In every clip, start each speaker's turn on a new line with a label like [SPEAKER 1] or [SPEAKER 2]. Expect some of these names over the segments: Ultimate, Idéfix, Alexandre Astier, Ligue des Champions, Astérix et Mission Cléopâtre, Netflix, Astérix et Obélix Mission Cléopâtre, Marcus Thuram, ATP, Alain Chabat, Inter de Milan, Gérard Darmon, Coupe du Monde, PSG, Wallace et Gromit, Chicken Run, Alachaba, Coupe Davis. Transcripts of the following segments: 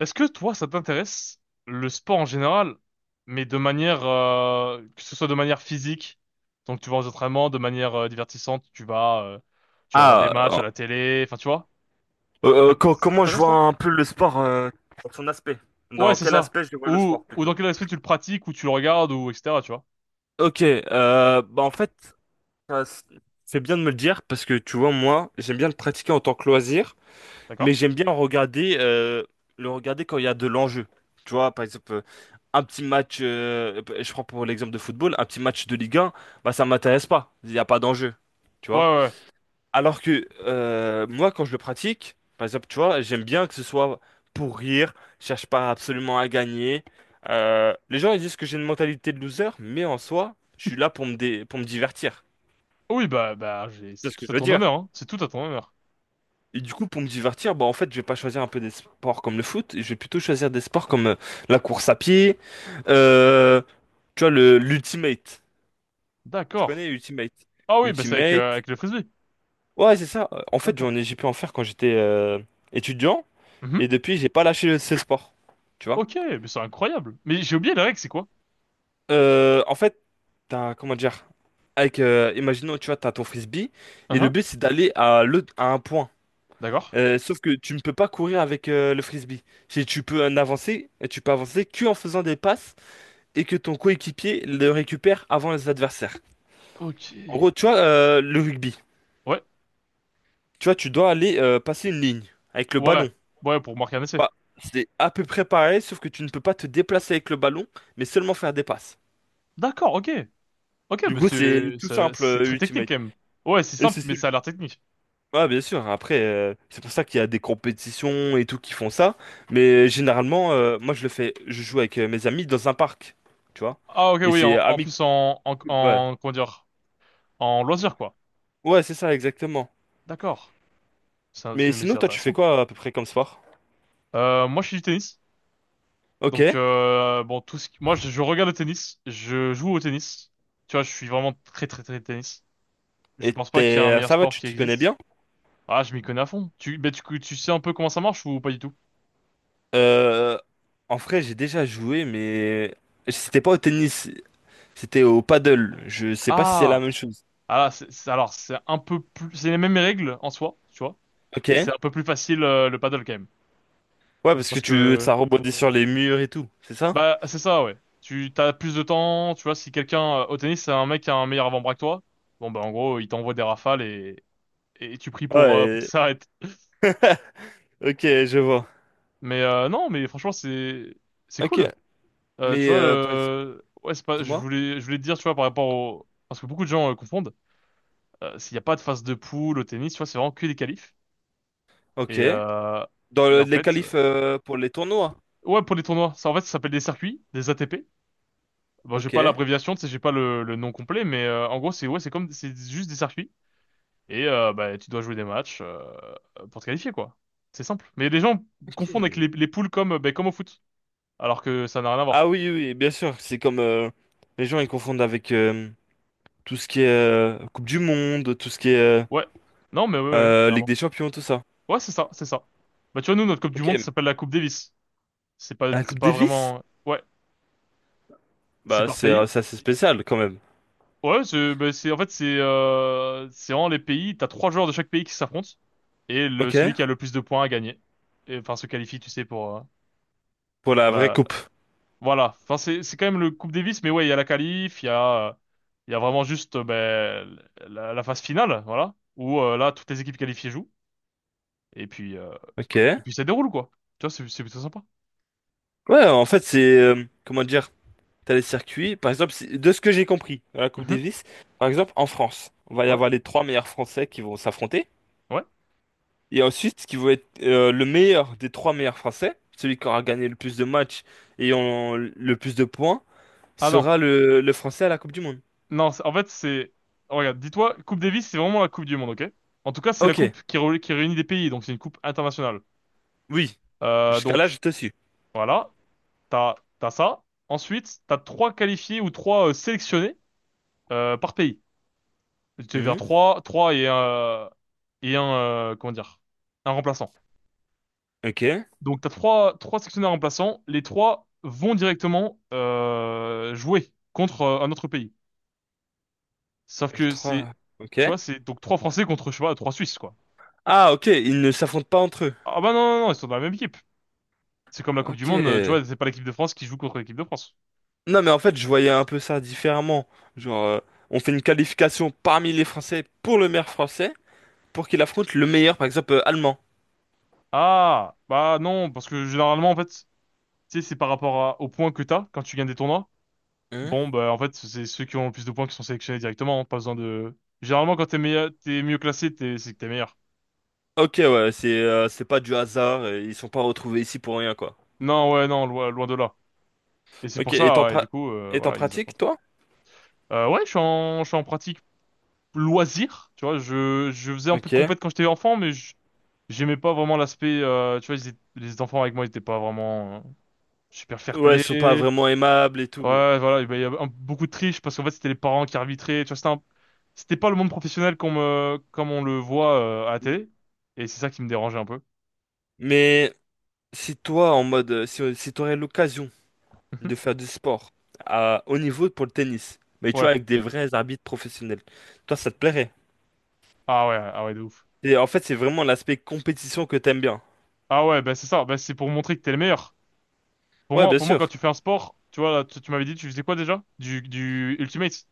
[SPEAKER 1] Est-ce que toi, ça t'intéresse le sport en général, mais de manière que ce soit de manière physique, donc tu vas aux entraînements, de manière divertissante, tu vas voir des
[SPEAKER 2] Ah,
[SPEAKER 1] matchs à la télé, enfin tu vois, ça ça
[SPEAKER 2] comment je
[SPEAKER 1] t'intéresse
[SPEAKER 2] vois
[SPEAKER 1] toi?
[SPEAKER 2] un peu le sport dans son aspect?
[SPEAKER 1] Ouais,
[SPEAKER 2] Dans
[SPEAKER 1] c'est
[SPEAKER 2] quel
[SPEAKER 1] ça.
[SPEAKER 2] aspect je vois le sport
[SPEAKER 1] Ou
[SPEAKER 2] plutôt?
[SPEAKER 1] dans quel esprit tu le pratiques, ou tu le regardes, ou etc. Tu vois,
[SPEAKER 2] Ok, bah en fait, ça s- c'est bien de me le dire parce que tu vois, moi, j'aime bien le pratiquer en tant que loisir, mais
[SPEAKER 1] d'accord?
[SPEAKER 2] j'aime bien regarder, le regarder quand il y a de l'enjeu. Tu vois, par exemple, un petit match, je prends pour l'exemple de football, un petit match de Ligue 1, bah ça m'intéresse pas, il n'y a pas d'enjeu. Tu
[SPEAKER 1] Ouais,
[SPEAKER 2] vois?
[SPEAKER 1] ouais. Ouais.
[SPEAKER 2] Alors que moi, quand je le pratique, par exemple, tu vois, j'aime bien que ce soit pour rire, je cherche pas absolument à gagner. Les gens, ils disent que j'ai une mentalité de loser, mais en soi, je suis là pour me divertir.
[SPEAKER 1] Oui, bah j'ai
[SPEAKER 2] C'est
[SPEAKER 1] c'est
[SPEAKER 2] ce que
[SPEAKER 1] tout à
[SPEAKER 2] je veux
[SPEAKER 1] ton
[SPEAKER 2] dire.
[SPEAKER 1] honneur, hein. C'est tout à ton honneur.
[SPEAKER 2] Et du coup, pour me divertir, bah, en fait, je vais pas choisir un peu des sports comme le foot, je vais plutôt choisir des sports comme la course à pied, euh, tu vois, l'Ultimate. Tu
[SPEAKER 1] D'accord.
[SPEAKER 2] connais Ultimate?
[SPEAKER 1] Ah oui, bah c'est avec
[SPEAKER 2] Ultimate.
[SPEAKER 1] avec le frisbee.
[SPEAKER 2] Ouais, c'est ça. En fait,
[SPEAKER 1] D'accord.
[SPEAKER 2] j'ai pu en faire quand j'étais étudiant. Et
[SPEAKER 1] Mhm.
[SPEAKER 2] depuis, j'ai pas lâché ces sports. Tu vois?
[SPEAKER 1] Ok, mais c'est incroyable. Mais j'ai oublié la règle, c'est quoi?
[SPEAKER 2] En fait, t'as, comment dire? Avec, imaginons, tu vois, t'as ton frisbee, et le
[SPEAKER 1] Hein.
[SPEAKER 2] but, c'est d'aller à, à un point.
[SPEAKER 1] D'accord.
[SPEAKER 2] Sauf que tu ne peux pas courir avec le frisbee. Si tu peux en avancer, et tu peux avancer qu'en faisant des passes et que ton coéquipier le récupère avant les adversaires.
[SPEAKER 1] Ok.
[SPEAKER 2] En gros, tu vois, le rugby,
[SPEAKER 1] Ouais,
[SPEAKER 2] tu vois, tu dois aller passer une ligne avec le
[SPEAKER 1] ouais,
[SPEAKER 2] ballon.
[SPEAKER 1] ouais, pour m'organiser.
[SPEAKER 2] Bah, c'est à peu près pareil, sauf que tu ne peux pas te déplacer avec le ballon, mais seulement faire des passes.
[SPEAKER 1] D'accord, ok. Ok,
[SPEAKER 2] Du
[SPEAKER 1] mais
[SPEAKER 2] coup, c'est tout simple,
[SPEAKER 1] c'est très technique
[SPEAKER 2] Ultimate.
[SPEAKER 1] quand même. Ouais, c'est
[SPEAKER 2] Et
[SPEAKER 1] simple,
[SPEAKER 2] c'est
[SPEAKER 1] mais ça a
[SPEAKER 2] celui-
[SPEAKER 1] l'air technique.
[SPEAKER 2] Ah, bien sûr, après, c'est pour ça qu'il y a des compétitions et tout qui font ça. Mais généralement, moi, je le fais, je joue avec mes amis dans un parc, tu vois.
[SPEAKER 1] Ah, ok,
[SPEAKER 2] Et
[SPEAKER 1] oui,
[SPEAKER 2] c'est
[SPEAKER 1] en, en
[SPEAKER 2] amical,
[SPEAKER 1] plus
[SPEAKER 2] ouais.
[SPEAKER 1] comment dire, en loisir, quoi.
[SPEAKER 2] Ouais, c'est ça, exactement.
[SPEAKER 1] D'accord.
[SPEAKER 2] Mais
[SPEAKER 1] Mais
[SPEAKER 2] sinon,
[SPEAKER 1] c'est
[SPEAKER 2] toi, tu fais
[SPEAKER 1] intéressant.
[SPEAKER 2] quoi à peu près comme sport?
[SPEAKER 1] Moi, je suis du tennis.
[SPEAKER 2] Ok.
[SPEAKER 1] Donc, bon, moi, je regarde le tennis. Je joue au tennis. Tu vois, je suis vraiment très, très, très tennis. Je pense pas qu'il y ait un meilleur
[SPEAKER 2] Ça va,
[SPEAKER 1] sport
[SPEAKER 2] tu
[SPEAKER 1] qui
[SPEAKER 2] t'y connais
[SPEAKER 1] existe.
[SPEAKER 2] bien?
[SPEAKER 1] Ah, je m'y connais à fond. Ben, tu sais un peu comment ça marche ou pas du tout?
[SPEAKER 2] Euh, En vrai, j'ai déjà joué, mais c'était pas au tennis, c'était au paddle. Je sais pas si c'est la
[SPEAKER 1] Ah,
[SPEAKER 2] même chose.
[SPEAKER 1] Ah là, alors, c'est un peu plus, c'est les mêmes règles en soi, tu vois,
[SPEAKER 2] Ok.
[SPEAKER 1] mais c'est un peu plus facile le paddle quand même.
[SPEAKER 2] Ouais, parce que
[SPEAKER 1] Parce que,
[SPEAKER 2] ça rebondit sur les murs et tout, c'est ça?
[SPEAKER 1] bah, c'est ça, ouais. Tu t'as plus de temps, tu vois, si quelqu'un, au tennis, c'est un mec qui a un meilleur avant-bras que toi, bon, bah, en gros, il t'envoie des rafales et tu pries pour que
[SPEAKER 2] Ouais,
[SPEAKER 1] ça s'arrête.
[SPEAKER 2] ok, je vois.
[SPEAKER 1] Mais non, mais franchement, c'est
[SPEAKER 2] Ok,
[SPEAKER 1] cool. Tu
[SPEAKER 2] mais
[SPEAKER 1] vois,
[SPEAKER 2] par exemple,
[SPEAKER 1] ouais, c'est pas, je
[SPEAKER 2] dis-moi.
[SPEAKER 1] voulais, je voulais te dire, tu vois, parce que beaucoup de gens confondent, s'il n'y a pas de phase de poule au tennis, tu vois, c'est vraiment que des qualifs. Et,
[SPEAKER 2] Ok.
[SPEAKER 1] euh,
[SPEAKER 2] Dans
[SPEAKER 1] et en
[SPEAKER 2] les
[SPEAKER 1] fait,
[SPEAKER 2] qualifs pour les tournois.
[SPEAKER 1] ouais, pour les tournois. Ça, en fait, ça s'appelle des circuits, des ATP. Bon, j'ai pas
[SPEAKER 2] Ok.
[SPEAKER 1] l'abréviation, tu sais, j'ai pas le nom complet, mais en gros, c'est ouais, c'est juste des circuits. Et bah, tu dois jouer des matchs pour te qualifier, quoi. C'est simple. Mais les gens confondent avec
[SPEAKER 2] Ok.
[SPEAKER 1] les poules ben, comme au foot, alors que ça n'a rien à voir.
[SPEAKER 2] Ah oui, oui, oui, bien sûr. C'est comme les gens ils confondent avec tout ce qui est Coupe du Monde, tout ce qui est
[SPEAKER 1] Ouais. Non, mais ouais, ouais, ouais,
[SPEAKER 2] Ligue
[SPEAKER 1] carrément.
[SPEAKER 2] des Champions, tout ça.
[SPEAKER 1] Ouais, c'est ça, c'est ça. Bah, tu vois, nous, notre Coupe du Monde ça
[SPEAKER 2] Ok.
[SPEAKER 1] s'appelle la Coupe Davis. C'est pas,
[SPEAKER 2] La
[SPEAKER 1] c'est
[SPEAKER 2] Coupe
[SPEAKER 1] pas
[SPEAKER 2] Davis?
[SPEAKER 1] vraiment. Ouais, c'est
[SPEAKER 2] Bah
[SPEAKER 1] par pays.
[SPEAKER 2] c'est assez spécial quand même.
[SPEAKER 1] Ouais, bah, en fait, c'est vraiment les pays. T'as trois joueurs de chaque pays qui s'affrontent. Et celui
[SPEAKER 2] Ok.
[SPEAKER 1] qui a le plus de points a gagné. Et, enfin, se qualifie, tu sais, pour, euh,
[SPEAKER 2] Pour la
[SPEAKER 1] pour
[SPEAKER 2] vraie
[SPEAKER 1] la,
[SPEAKER 2] coupe.
[SPEAKER 1] voilà. Enfin, c'est quand même le Coupe Davis, mais ouais, il y a la qualif, il y a vraiment juste, ben, la phase finale, voilà. Où, là, toutes les équipes qualifiées jouent. Et puis, euh,
[SPEAKER 2] Ok.
[SPEAKER 1] et puis ça déroule, quoi. Tu vois, c'est plutôt sympa.
[SPEAKER 2] Ouais, en fait c'est comment dire? T'as les circuits. Par exemple, de ce que j'ai compris à la Coupe
[SPEAKER 1] Mhm.
[SPEAKER 2] Davis, par exemple, en France, on va y
[SPEAKER 1] Ouais,
[SPEAKER 2] avoir les trois meilleurs Français qui vont s'affronter.
[SPEAKER 1] ouais.
[SPEAKER 2] Et ensuite, ce qui va être le meilleur des trois meilleurs Français, celui qui aura gagné le plus de matchs le plus de points,
[SPEAKER 1] Ah non.
[SPEAKER 2] sera le Français à la Coupe du Monde.
[SPEAKER 1] Non, en fait, oh, regarde, dis-toi, Coupe Davis, c'est vraiment la Coupe du Monde, ok? En tout cas, c'est la
[SPEAKER 2] Ok,
[SPEAKER 1] coupe qui réunit des pays, donc c'est une coupe internationale.
[SPEAKER 2] oui. Jusqu'à là,
[SPEAKER 1] Donc,
[SPEAKER 2] je te suis.
[SPEAKER 1] voilà, t'as ça. Ensuite, t'as trois qualifiés ou trois sélectionnés par pays. Tu vas vers
[SPEAKER 2] Mhm.
[SPEAKER 1] trois, trois et un... Et un... comment dire? Un remplaçant.
[SPEAKER 2] Ok. Les
[SPEAKER 1] Donc, t'as trois, trois sélectionnés remplaçants. Les trois vont directement jouer contre un autre pays. Sauf que c'est...
[SPEAKER 2] trois. Ok.
[SPEAKER 1] Tu vois, c'est donc trois Français contre, je sais pas, trois Suisses, quoi.
[SPEAKER 2] Ah, ok, ils ne s'affrontent pas entre eux.
[SPEAKER 1] Ah bah non, non, non, ils sont dans la même équipe. C'est comme la Coupe du
[SPEAKER 2] Ok.
[SPEAKER 1] Monde, tu vois, c'est pas l'équipe de France qui joue contre l'équipe de France.
[SPEAKER 2] Non, mais en fait, je voyais un peu ça différemment. Genre, on fait une qualification parmi les Français pour le meilleur français, pour qu'il affronte le meilleur, par exemple, allemand.
[SPEAKER 1] Ah, bah non, parce que généralement, en fait, tu sais, c'est par rapport aux points que t'as quand tu gagnes des tournois.
[SPEAKER 2] Hein.
[SPEAKER 1] Bon, bah en fait, c'est ceux qui ont le plus de points qui sont sélectionnés directement, hein, pas besoin de... Généralement, quand t'es meilleur, t'es mieux classé, c'est que t'es meilleur.
[SPEAKER 2] Ok, ouais, c'est pas du hasard, ils sont pas retrouvés ici pour rien, quoi.
[SPEAKER 1] Non, ouais, non, loin, loin de là. Et c'est
[SPEAKER 2] Ok,
[SPEAKER 1] pour ça, et du coup,
[SPEAKER 2] et t'en
[SPEAKER 1] voilà, ils
[SPEAKER 2] pratiques,
[SPEAKER 1] affrontent.
[SPEAKER 2] toi?
[SPEAKER 1] Ouais, je suis en pratique. Loisir, tu vois, je faisais un peu de
[SPEAKER 2] Ok.
[SPEAKER 1] compète quand j'étais enfant, mais j'aimais pas vraiment l'aspect, tu vois, les enfants avec moi, ils étaient pas vraiment super
[SPEAKER 2] Ouais, ils sont pas
[SPEAKER 1] fair-play.
[SPEAKER 2] vraiment aimables et tout.
[SPEAKER 1] Ouais, voilà, et ben, il y avait beaucoup de triche parce qu'en fait, c'était les parents qui arbitraient, tu vois, c'était pas le monde professionnel comme on le voit à la télé, et c'est ça qui me dérangeait un peu.
[SPEAKER 2] Mais si toi, en mode, si t'aurais l'occasion de faire du sport à haut niveau pour le tennis, mais tu vois,
[SPEAKER 1] Ouais.
[SPEAKER 2] avec des vrais arbitres professionnels, toi, ça te plairait?
[SPEAKER 1] Ah ouais, ah ouais, de ouf.
[SPEAKER 2] Et en fait, c'est vraiment l'aspect compétition que t'aimes bien.
[SPEAKER 1] Ah ouais, bah c'est ça, bah c'est pour montrer que t'es le meilleur.
[SPEAKER 2] Ouais, bien
[SPEAKER 1] Pour moi, quand
[SPEAKER 2] sûr.
[SPEAKER 1] tu fais un sport, tu vois, là, tu m'avais dit, tu faisais quoi déjà? Du Ultimate.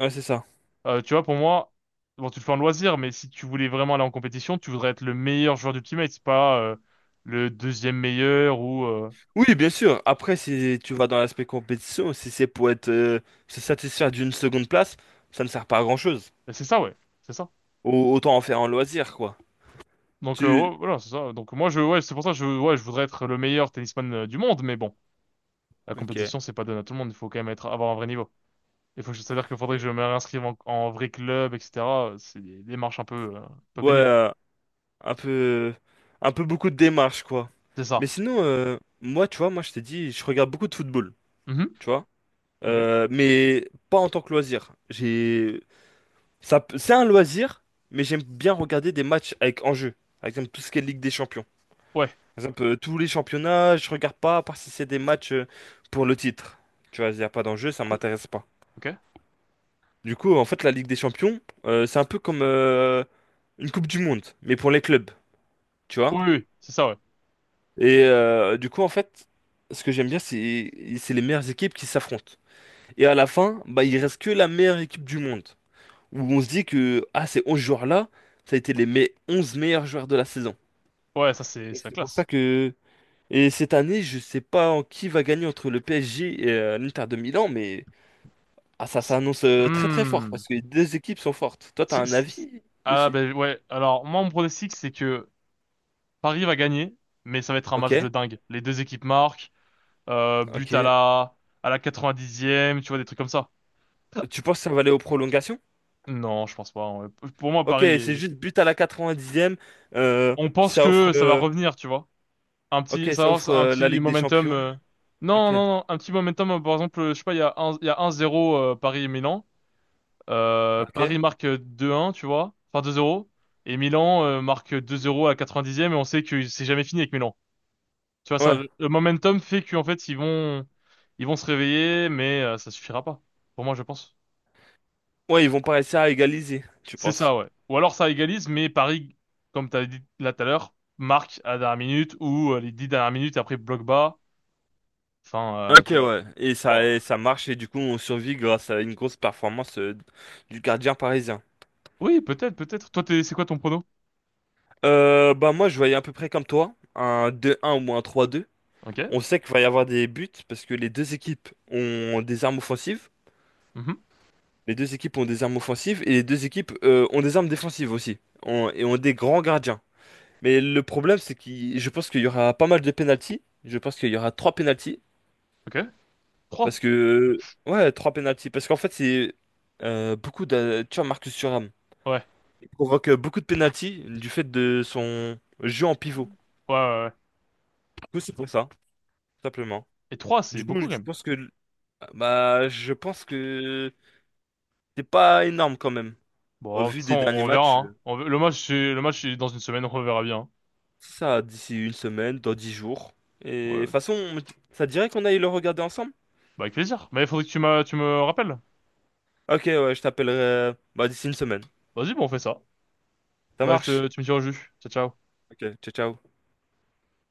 [SPEAKER 2] Ouais, c'est ça.
[SPEAKER 1] Tu vois, pour moi, bon, tu le fais en loisir, mais si tu voulais vraiment aller en compétition, tu voudrais être le meilleur joueur du teammate, c'est pas le deuxième meilleur ou.
[SPEAKER 2] Oui, bien sûr. Après, si tu vas dans l'aspect compétition, si c'est pour être se satisfaire d'une seconde place, ça ne sert pas à grand-chose.
[SPEAKER 1] Bah, c'est ça, ouais, c'est ça.
[SPEAKER 2] Autant en faire un loisir, quoi.
[SPEAKER 1] Donc
[SPEAKER 2] Tu...
[SPEAKER 1] ouais, voilà, c'est ça. Donc moi, ouais, c'est pour ça, que ouais, je voudrais être le meilleur tennisman du monde, mais bon, la
[SPEAKER 2] Ok.
[SPEAKER 1] compétition, c'est pas donné à tout le monde. Il faut quand même avoir un vrai niveau. Il faut, que je- C'est-à-dire qu'il faudrait que
[SPEAKER 2] Et-
[SPEAKER 1] je me réinscrive en vrai club, etc. C'est des démarches un peu
[SPEAKER 2] Ouais,
[SPEAKER 1] pénibles.
[SPEAKER 2] un peu... Un peu beaucoup de démarches, quoi.
[SPEAKER 1] C'est
[SPEAKER 2] Mais
[SPEAKER 1] ça.
[SPEAKER 2] sinon, moi, tu vois, moi, je t'ai dit, je regarde beaucoup de football,
[SPEAKER 1] Mhm.
[SPEAKER 2] tu vois.
[SPEAKER 1] Ok.
[SPEAKER 2] Mais pas en tant que loisir. C'est un loisir, mais j'aime bien regarder des matchs avec enjeu. Par exemple, tout ce qui est Ligue des Champions.
[SPEAKER 1] Ouais.
[SPEAKER 2] Par exemple, tous les championnats, je regarde pas, à part si c'est des matchs pour le titre. Tu vois, il n'y a pas d'enjeu, ça
[SPEAKER 1] Cou-
[SPEAKER 2] m'intéresse pas.
[SPEAKER 1] Ok.
[SPEAKER 2] Du coup, en fait, la Ligue des Champions, c'est un peu comme une Coupe du Monde, mais pour les clubs, tu vois.
[SPEAKER 1] Oui, oui, oui, c'est ça, ouais.
[SPEAKER 2] Du coup, en fait, ce que j'aime bien, c'est les meilleures équipes qui s'affrontent. Et à la fin, bah, il reste que la meilleure équipe du monde. Où on se dit que, ah, ces 11 joueurs-là, ça a été 11 meilleurs joueurs de la saison.
[SPEAKER 1] Ouais, ça, c'est,
[SPEAKER 2] Et
[SPEAKER 1] c'est la
[SPEAKER 2] c'est pour ça
[SPEAKER 1] classe.
[SPEAKER 2] que. Et cette année, je sais pas en qui va gagner entre le PSG et l'Inter de Milan, mais ah, ça s'annonce très très fort
[SPEAKER 1] Hmm.
[SPEAKER 2] parce que les deux équipes sont fortes. Toi, t'as
[SPEAKER 1] C'est-
[SPEAKER 2] un
[SPEAKER 1] c'est-
[SPEAKER 2] avis
[SPEAKER 1] Ah
[SPEAKER 2] dessus?
[SPEAKER 1] ben ouais, alors moi mon pronostic c'est que Paris va gagner, mais ça va être un match
[SPEAKER 2] Ok,
[SPEAKER 1] de dingue. Les deux équipes marquent, but à
[SPEAKER 2] ok.
[SPEAKER 1] la à la 90e, tu vois, des trucs comme ça.
[SPEAKER 2] Tu penses que ça va aller aux prolongations?
[SPEAKER 1] Non, je pense pas. Hein. Pour moi,
[SPEAKER 2] Ok, c'est juste but à la 90e. euh,
[SPEAKER 1] On pense
[SPEAKER 2] ça offre,
[SPEAKER 1] que ça va
[SPEAKER 2] euh,
[SPEAKER 1] revenir, tu vois.
[SPEAKER 2] ok,
[SPEAKER 1] Ça
[SPEAKER 2] ça
[SPEAKER 1] lance
[SPEAKER 2] offre
[SPEAKER 1] un
[SPEAKER 2] la
[SPEAKER 1] petit
[SPEAKER 2] Ligue des
[SPEAKER 1] momentum.
[SPEAKER 2] Champions.
[SPEAKER 1] Non,
[SPEAKER 2] Ok,
[SPEAKER 1] non, non, un petit momentum. Par exemple, je sais pas, il y a un zéro Paris et Milan.
[SPEAKER 2] ok.
[SPEAKER 1] Paris marque 2-1, tu vois. Enfin 2-0. Et Milan marque 2-0 à la 90e et on sait que c'est jamais fini avec Milan. Tu vois, ça,
[SPEAKER 2] Ouais,
[SPEAKER 1] le momentum fait qu'en fait, ils vont se réveiller, mais ça suffira pas. Pour moi, je pense.
[SPEAKER 2] ouais, ils vont pas réussir à égaliser, tu
[SPEAKER 1] C'est
[SPEAKER 2] penses?
[SPEAKER 1] ça, ouais. Ou alors ça égalise, mais Paris, comme t'avais dit là tout à l'heure, marque à la dernière minute ou les 10 dernières minutes et après bloc bas. Enfin,
[SPEAKER 2] Ok,
[SPEAKER 1] tu vois.
[SPEAKER 2] ouais. Et ça,
[SPEAKER 1] Oh.
[SPEAKER 2] et ça marche et du coup, on survit grâce à une grosse performance du gardien parisien.
[SPEAKER 1] Oui, peut-être, peut-être. Toi, c'est quoi ton prono?
[SPEAKER 2] Bah moi je voyais à peu près comme toi, un deux un ou un trois deux.
[SPEAKER 1] Ok.
[SPEAKER 2] On sait qu'il va y avoir des buts parce que les deux équipes ont des armes offensives,
[SPEAKER 1] Mhm.
[SPEAKER 2] les deux équipes ont des armes offensives et les deux équipes ont des armes défensives aussi et ont des grands gardiens. Mais le problème c'est que je pense qu'il y aura pas mal de pénaltys. Je pense qu'il y aura trois pénaltys
[SPEAKER 1] Ok. Trois.
[SPEAKER 2] parce que ouais trois pénaltys parce qu'en fait c'est beaucoup de tu vois Marcus Thuram
[SPEAKER 1] Ouais.
[SPEAKER 2] il provoque beaucoup de pénaltys du fait de son jeu en pivot.
[SPEAKER 1] Ouais, ouais, ouais.
[SPEAKER 2] Du coup c'est pour ça simplement.
[SPEAKER 1] Et trois, c'est
[SPEAKER 2] Du coup,
[SPEAKER 1] beaucoup
[SPEAKER 2] je
[SPEAKER 1] quand même.
[SPEAKER 2] pense que bah je pense que c'est pas énorme quand même. Au
[SPEAKER 1] Bon, de toute
[SPEAKER 2] vu
[SPEAKER 1] façon,
[SPEAKER 2] des derniers
[SPEAKER 1] on
[SPEAKER 2] matchs,
[SPEAKER 1] verra, hein. Le match, c'est dans une semaine, on verra bien.
[SPEAKER 2] ça d'ici 1 semaine, dans 10 jours. Et de toute
[SPEAKER 1] Ouais.
[SPEAKER 2] façon, ça te dirait qu'on aille le regarder ensemble?
[SPEAKER 1] Bah, avec plaisir. Mais il faudrait que tu me rappelles.
[SPEAKER 2] Ok, ouais, je t'appellerai bah, d'ici 1 semaine.
[SPEAKER 1] Vas-y, bon, on fait ça.
[SPEAKER 2] Ça
[SPEAKER 1] Bah,
[SPEAKER 2] marche?
[SPEAKER 1] tu me tiens au jus. Ciao, ciao.
[SPEAKER 2] Ok, ciao, ciao.